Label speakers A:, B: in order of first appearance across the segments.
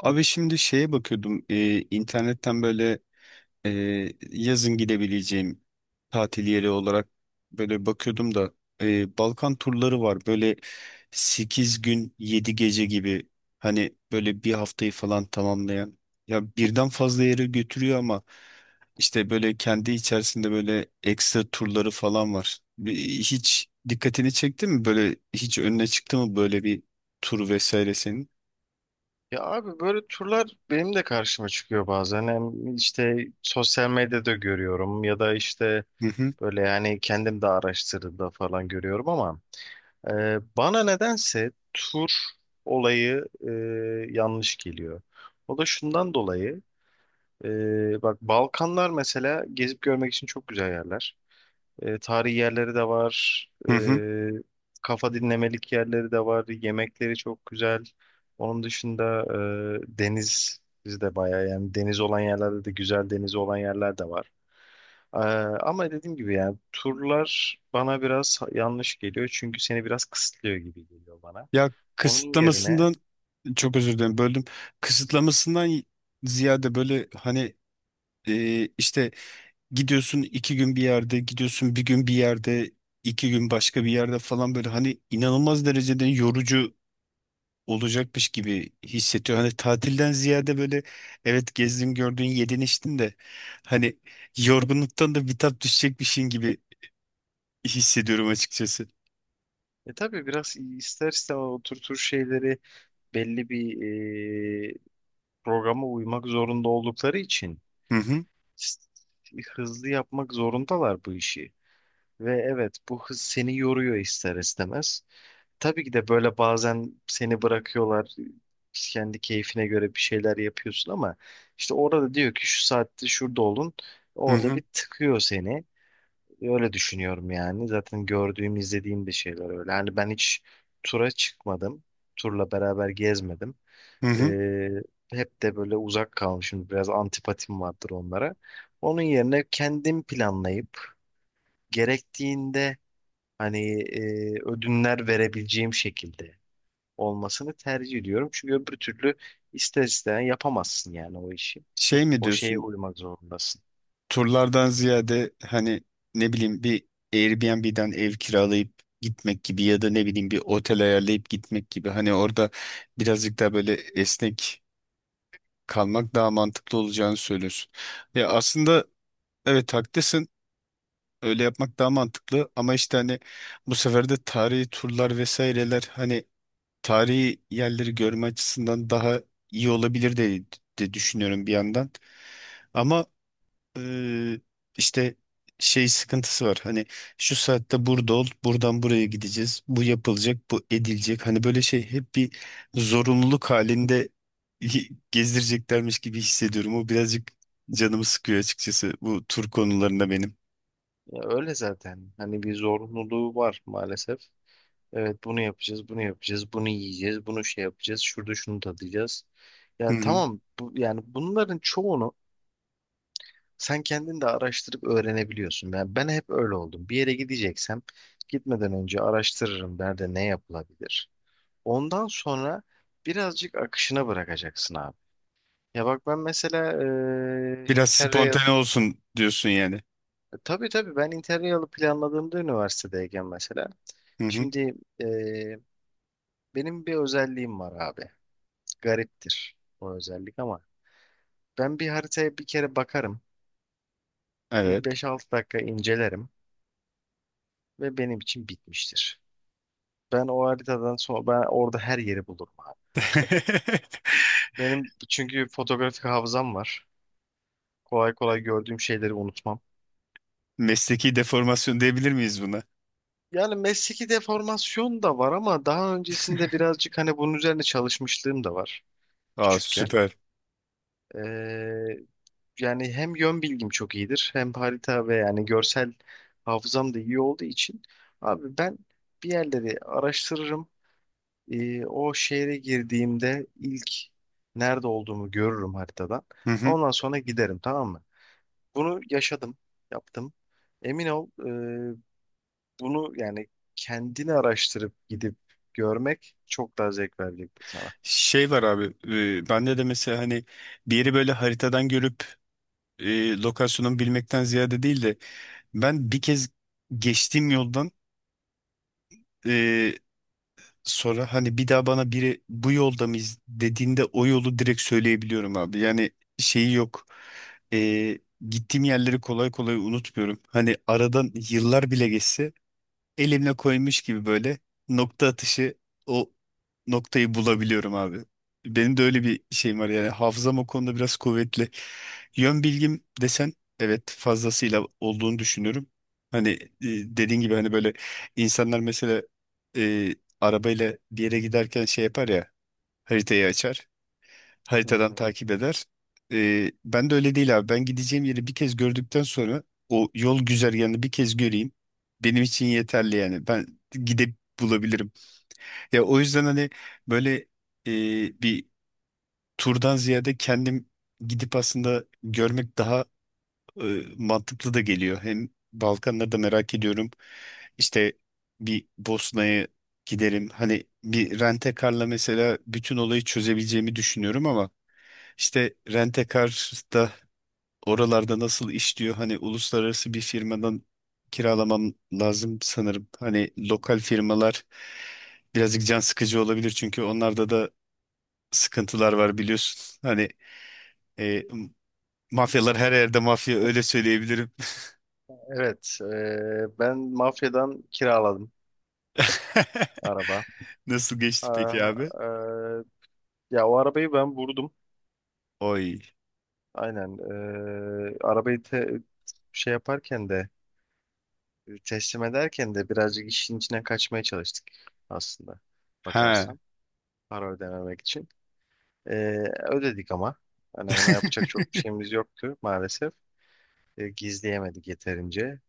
A: Abi şimdi şeye bakıyordum internetten böyle e, yazın gidebileceğim tatil yeri olarak böyle bakıyordum da Balkan turları var böyle 8 gün 7 gece gibi hani böyle bir haftayı falan tamamlayan, ya birden fazla yere götürüyor ama işte böyle kendi içerisinde böyle ekstra turları falan var. Hiç dikkatini çekti mi, böyle hiç önüne çıktı mı böyle bir tur vesaire senin?
B: Ya abi, böyle turlar benim de karşıma çıkıyor bazen. Hem işte sosyal medyada görüyorum, ya da işte
A: Hı hı.
B: böyle yani kendim de araştırdığımda falan görüyorum, ama bana nedense tur olayı yanlış geliyor. O da şundan dolayı. Bak, Balkanlar mesela gezip görmek için çok güzel yerler. Tarihi yerleri de var.
A: Hı
B: E,
A: hı.
B: kafa dinlemelik yerleri de var. Yemekleri çok güzel. Onun dışında deniz de bayağı, yani deniz olan yerlerde de güzel, deniz olan yerler de var. E, ama dediğim gibi yani turlar bana biraz yanlış geliyor. Çünkü seni biraz kısıtlıyor gibi geliyor bana.
A: Ya
B: Onun yerine
A: kısıtlamasından, çok özür dilerim böldüm. Kısıtlamasından ziyade böyle hani işte gidiyorsun iki gün bir yerde, gidiyorsun bir gün bir yerde, iki gün başka bir yerde falan, böyle hani inanılmaz derecede yorucu olacakmış gibi hissediyor. Hani tatilden ziyade böyle evet gezdin gördün yedin içtin de hani yorgunluktan da bitap düşecekmişin gibi hissediyorum açıkçası.
B: tabii biraz ister istemez o tür tür şeyleri belli bir e, programa uymak zorunda oldukları için
A: Hı hı
B: hızlı yapmak zorundalar bu işi. Ve evet, bu hız seni yoruyor ister istemez. Tabii ki de böyle bazen seni bırakıyorlar. Kendi keyfine göre bir şeyler yapıyorsun ama işte orada diyor ki şu saatte şurada olun.
A: hı
B: Orada
A: hı.
B: bir tıkıyor seni. Öyle düşünüyorum yani. Zaten gördüğüm, izlediğim de şeyler öyle. Yani ben hiç tura çıkmadım. Turla beraber gezmedim.
A: Hı hı.
B: Ee, hep de böyle uzak kalmışım. Biraz antipatim vardır onlara. Onun yerine kendim planlayıp gerektiğinde, hani ödünler verebileceğim şekilde olmasını tercih ediyorum. Çünkü öbür türlü ister isteyen yapamazsın yani o işi.
A: Şey mi
B: O şeye
A: diyorsun?
B: uymak zorundasın.
A: Turlardan ziyade hani, ne bileyim, bir Airbnb'den ev kiralayıp gitmek gibi ya da ne bileyim bir otel ayarlayıp gitmek gibi, hani orada birazcık daha böyle esnek kalmak daha mantıklı olacağını söylüyorsun. Ya aslında evet haklısın. Öyle yapmak daha mantıklı ama işte hani bu sefer de tarihi turlar vesaireler hani tarihi yerleri görme açısından daha iyi olabilir de, de düşünüyorum bir yandan. Ama ee, işte şey sıkıntısı var. Hani şu saatte burada ol, buradan buraya gideceğiz. Bu yapılacak, bu edilecek. Hani böyle şey, hep bir zorunluluk halinde gezdireceklermiş gibi hissediyorum. O birazcık canımı sıkıyor açıkçası bu tur konularında benim.
B: Ya öyle zaten. Hani bir zorunluluğu var maalesef. Evet, bunu yapacağız, bunu yapacağız, bunu yiyeceğiz, bunu şey yapacağız, şurada şunu tadacağız.
A: Hı
B: Ya
A: hı.
B: tamam bu, yani bunların çoğunu sen kendin de araştırıp öğrenebiliyorsun. Ben hep öyle oldum. Bir yere gideceksem gitmeden önce araştırırım nerede ne yapılabilir. Ondan sonra birazcık akışına bırakacaksın abi. Ya bak ben mesela
A: Biraz
B: Interrail,
A: spontane olsun diyorsun yani.
B: tabii tabii, ben Interrail'ı planladığımda üniversitedeyken mesela,
A: Hı hı.
B: şimdi e, benim bir özelliğim var abi. Gariptir o özellik, ama ben bir haritaya bir kere bakarım. Bir
A: Evet.
B: 5-6 dakika incelerim ve benim için bitmiştir. Ben o haritadan sonra ben orada her yeri bulurum abi. Benim çünkü fotoğrafik hafızam var. Kolay kolay gördüğüm şeyleri unutmam.
A: Mesleki deformasyon diyebilir miyiz buna?
B: Yani mesleki deformasyon da var, ama daha öncesinde birazcık hani bunun üzerine çalışmışlığım da var
A: Aa
B: küçükken.
A: süper.
B: Ee, yani hem yön bilgim çok iyidir, hem harita, ve yani görsel hafızam da iyi olduğu için, abi ben bir yerleri araştırırım. O şehre girdiğimde ilk nerede olduğumu görürüm haritadan. Ondan sonra giderim, tamam mı? Bunu yaşadım, yaptım. Emin ol, e, bunu yani kendini araştırıp gidip görmek çok daha zevk verecektir sana.
A: Şey var abi, bende de mesela hani bir yeri böyle haritadan görüp lokasyonunu bilmekten ziyade değil de, ben bir kez geçtiğim yoldan e, sonra hani bir daha bana biri bu yolda mıyız dediğinde o yolu direkt söyleyebiliyorum abi. Yani şeyi yok. E, Gittiğim yerleri kolay kolay unutmuyorum. Hani aradan yıllar bile geçse elimle koymuş gibi böyle nokta atışı o noktayı bulabiliyorum abi. Benim de öyle bir şeyim var yani, hafızam o konuda biraz kuvvetli. Yön bilgim desen evet fazlasıyla olduğunu düşünüyorum. Hani dediğin gibi hani böyle insanlar mesela e, arabayla bir yere giderken şey yapar ya, haritayı açar,
B: Hı
A: haritadan
B: hı.
A: takip eder. Ben de öyle değil abi. Ben gideceğim yeri bir kez gördükten sonra o yol güzergahını bir kez göreyim. Benim için yeterli yani. Ben gidip bulabilirim. Ya o yüzden hani böyle, bir turdan ziyade kendim gidip aslında görmek daha mantıklı da geliyor. Hem Balkanları da merak ediyorum. İşte bir Bosna'ya giderim. Hani bir rent mesela bütün olayı çözebileceğimi düşünüyorum ama işte Rentekar'da oralarda nasıl işliyor? Hani uluslararası bir firmadan kiralamam lazım sanırım. Hani lokal firmalar birazcık can sıkıcı olabilir çünkü onlarda da sıkıntılar var biliyorsun. Hani e, mafyalar her yerde mafya, öyle söyleyebilirim.
B: Evet, ben mafyadan kiraladım araba.
A: Nasıl geçti peki
B: Ah,
A: abi?
B: e, ya o arabayı ben vurdum.
A: Oy.
B: Aynen. Arabayı şey yaparken de, teslim ederken de birazcık işin içine kaçmaya çalıştık aslında
A: Ha.
B: bakarsan, para ödememek için. Ee, ödedik ama hani buna yapacak çok bir şeyimiz yoktu maalesef. Gizleyemedik yeterince.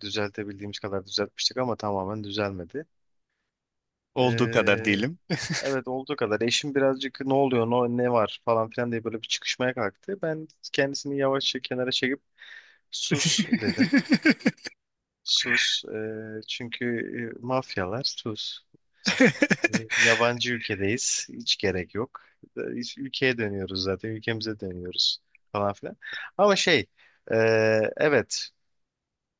B: Düzeltebildiğimiz kadar düzeltmiştik ama tamamen düzelmedi.
A: Olduğu kadar
B: Ee,
A: diyelim.
B: evet olduğu kadar. Eşim birazcık ne oluyor, ne var falan filan diye böyle bir çıkışmaya kalktı. Ben kendisini yavaşça kenara çekip sus dedim. Sus. Çünkü mafyalar, sus. E, Yabancı ülkedeyiz. Hiç gerek yok. Biz ülkeye dönüyoruz zaten. Ülkemize dönüyoruz falan filan. Ama şey, e, evet,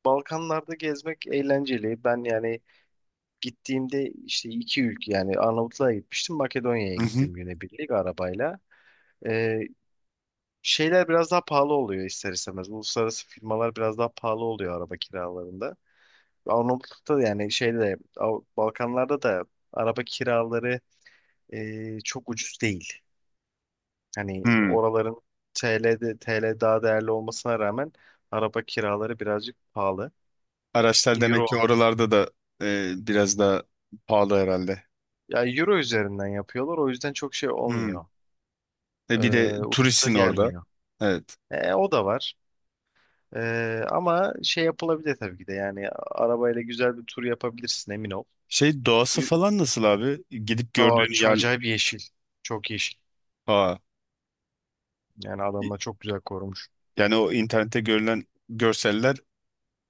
B: Balkanlarda gezmek eğlenceli. Ben yani gittiğimde işte iki ülke, yani Arnavutluğa gitmiştim. Makedonya'ya
A: Hı hı.
B: gittim günebirlik arabayla. E, şeyler biraz daha pahalı oluyor ister istemez. Uluslararası firmalar biraz daha pahalı oluyor araba kiralarında. Arnavutluk'ta da yani şeyde, Balkanlarda da araba kiraları çok ucuz değil. Hani
A: Hmm.
B: oraların TL'de TL daha değerli olmasına rağmen, araba kiraları birazcık pahalı.
A: Araçlar demek
B: Euro.
A: ki oralarda da biraz daha pahalı herhalde.
B: Ya euro üzerinden yapıyorlar, o yüzden çok şey
A: Hmm.
B: olmuyor.
A: E bir de
B: Ee, ucuza
A: turistsin orada.
B: gelmiyor.
A: Evet.
B: O da var. Ama şey, yapılabilir tabii ki de, yani arabayla güzel bir tur yapabilirsin, emin ol.
A: Şey doğası
B: Ü-
A: falan nasıl abi? Gidip
B: Aa,
A: gördüğün yer...
B: acayip yeşil. Çok yeşil.
A: Aa,
B: Yani
A: i-
B: adamlar çok güzel korumuş.
A: yani o internette görülen görseller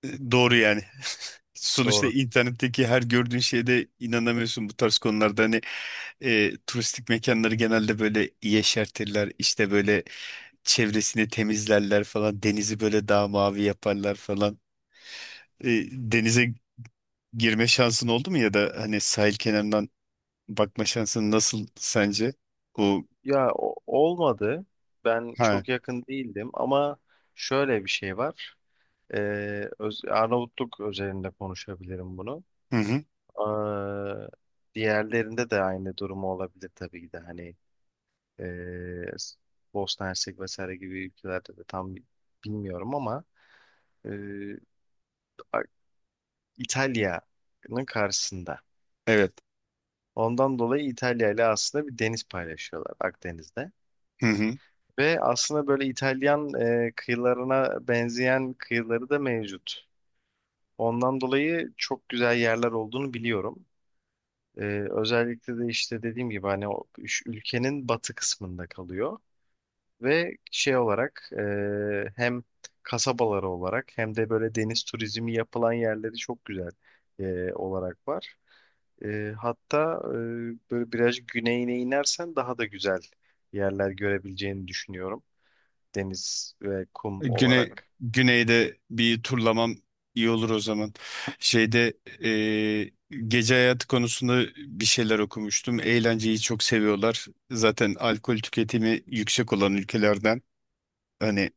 A: doğru yani. Sonuçta
B: Doğru.
A: internetteki her gördüğün şeyde inanamıyorsun bu tarz konularda. Hani turistik mekanları genelde böyle yeşertirler. İşte böyle çevresini temizlerler falan. Denizi böyle daha mavi yaparlar falan. E, denize girme şansın oldu mu ya da hani sahil kenarından bakma şansın nasıl sence? O,
B: Ya olmadı. Ben
A: ha,
B: çok yakın değildim ama şöyle bir şey var. Arnavutluk özelinde konuşabilirim bunu.
A: hı hı,
B: Ee, diğerlerinde de aynı durumu olabilir tabii ki de. Hani ee, Bosna Hersek vesaire gibi ülkelerde de tam bilmiyorum, ama ee, A- İtalya'nın karşısında.
A: evet,
B: Ondan dolayı İtalya ile aslında bir deniz paylaşıyorlar, Akdeniz'de.
A: hı hı.
B: Ve aslında böyle İtalyan kıyılarına benzeyen kıyıları da mevcut. Ondan dolayı çok güzel yerler olduğunu biliyorum. E, özellikle de işte dediğim gibi hani o üç ülkenin batı kısmında kalıyor. Ve şey olarak hem kasabaları olarak, hem de böyle deniz turizmi yapılan yerleri çok güzel olarak var. Hatta böyle biraz güneyine inersen daha da güzel yerler görebileceğini düşünüyorum. Deniz ve kum
A: Güney,
B: olarak.
A: güneyde bir turlamam iyi olur o zaman. Şeyde, e, gece hayatı konusunda bir şeyler okumuştum. Eğlenceyi çok seviyorlar. Zaten alkol tüketimi yüksek olan ülkelerden, hani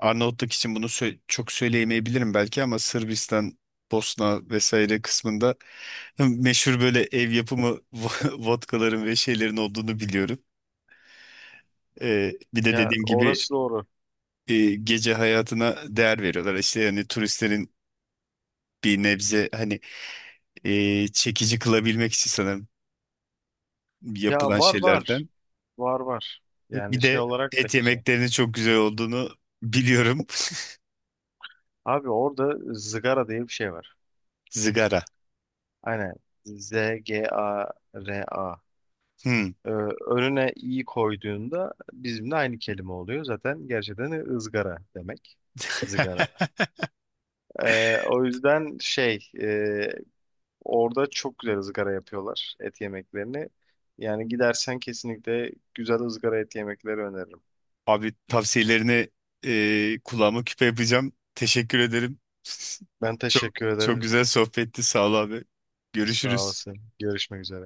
A: Arnavutluk için bunu çok söyleyemeyebilirim belki, ama Sırbistan, Bosna vesaire kısmında meşhur böyle ev yapımı vodkaların ve şeylerin olduğunu biliyorum. Bir de
B: Ya
A: dediğim gibi,
B: orası doğru.
A: gece hayatına değer veriyorlar. İşte yani turistlerin bir nebze hani çekici kılabilmek için sanırım
B: Ya,
A: yapılan
B: var var.
A: şeylerden.
B: Var var.
A: Bir
B: Yani şey
A: de
B: olarak da
A: et
B: güzel.
A: yemeklerinin çok güzel olduğunu biliyorum.
B: Abi, orada zıgara diye bir şey var.
A: Zigara.
B: Aynen. Z-G-A-R-A.
A: Hmm.
B: Ee, önüne i koyduğunda bizimle aynı kelime oluyor. Zaten gerçekten ızgara demek. Zıgara. Ee, o yüzden şey, orada çok güzel ızgara yapıyorlar et yemeklerini. Yani gidersen kesinlikle güzel ızgara et yemekleri öneririm.
A: Abi tavsiyelerini kulağıma küpe yapacağım. Teşekkür ederim.
B: Ben
A: Çok
B: teşekkür
A: çok.
B: ederim.
A: Evet. Güzel sohbetti. Sağ ol abi.
B: Sağ
A: Görüşürüz.
B: olasın. Görüşmek üzere.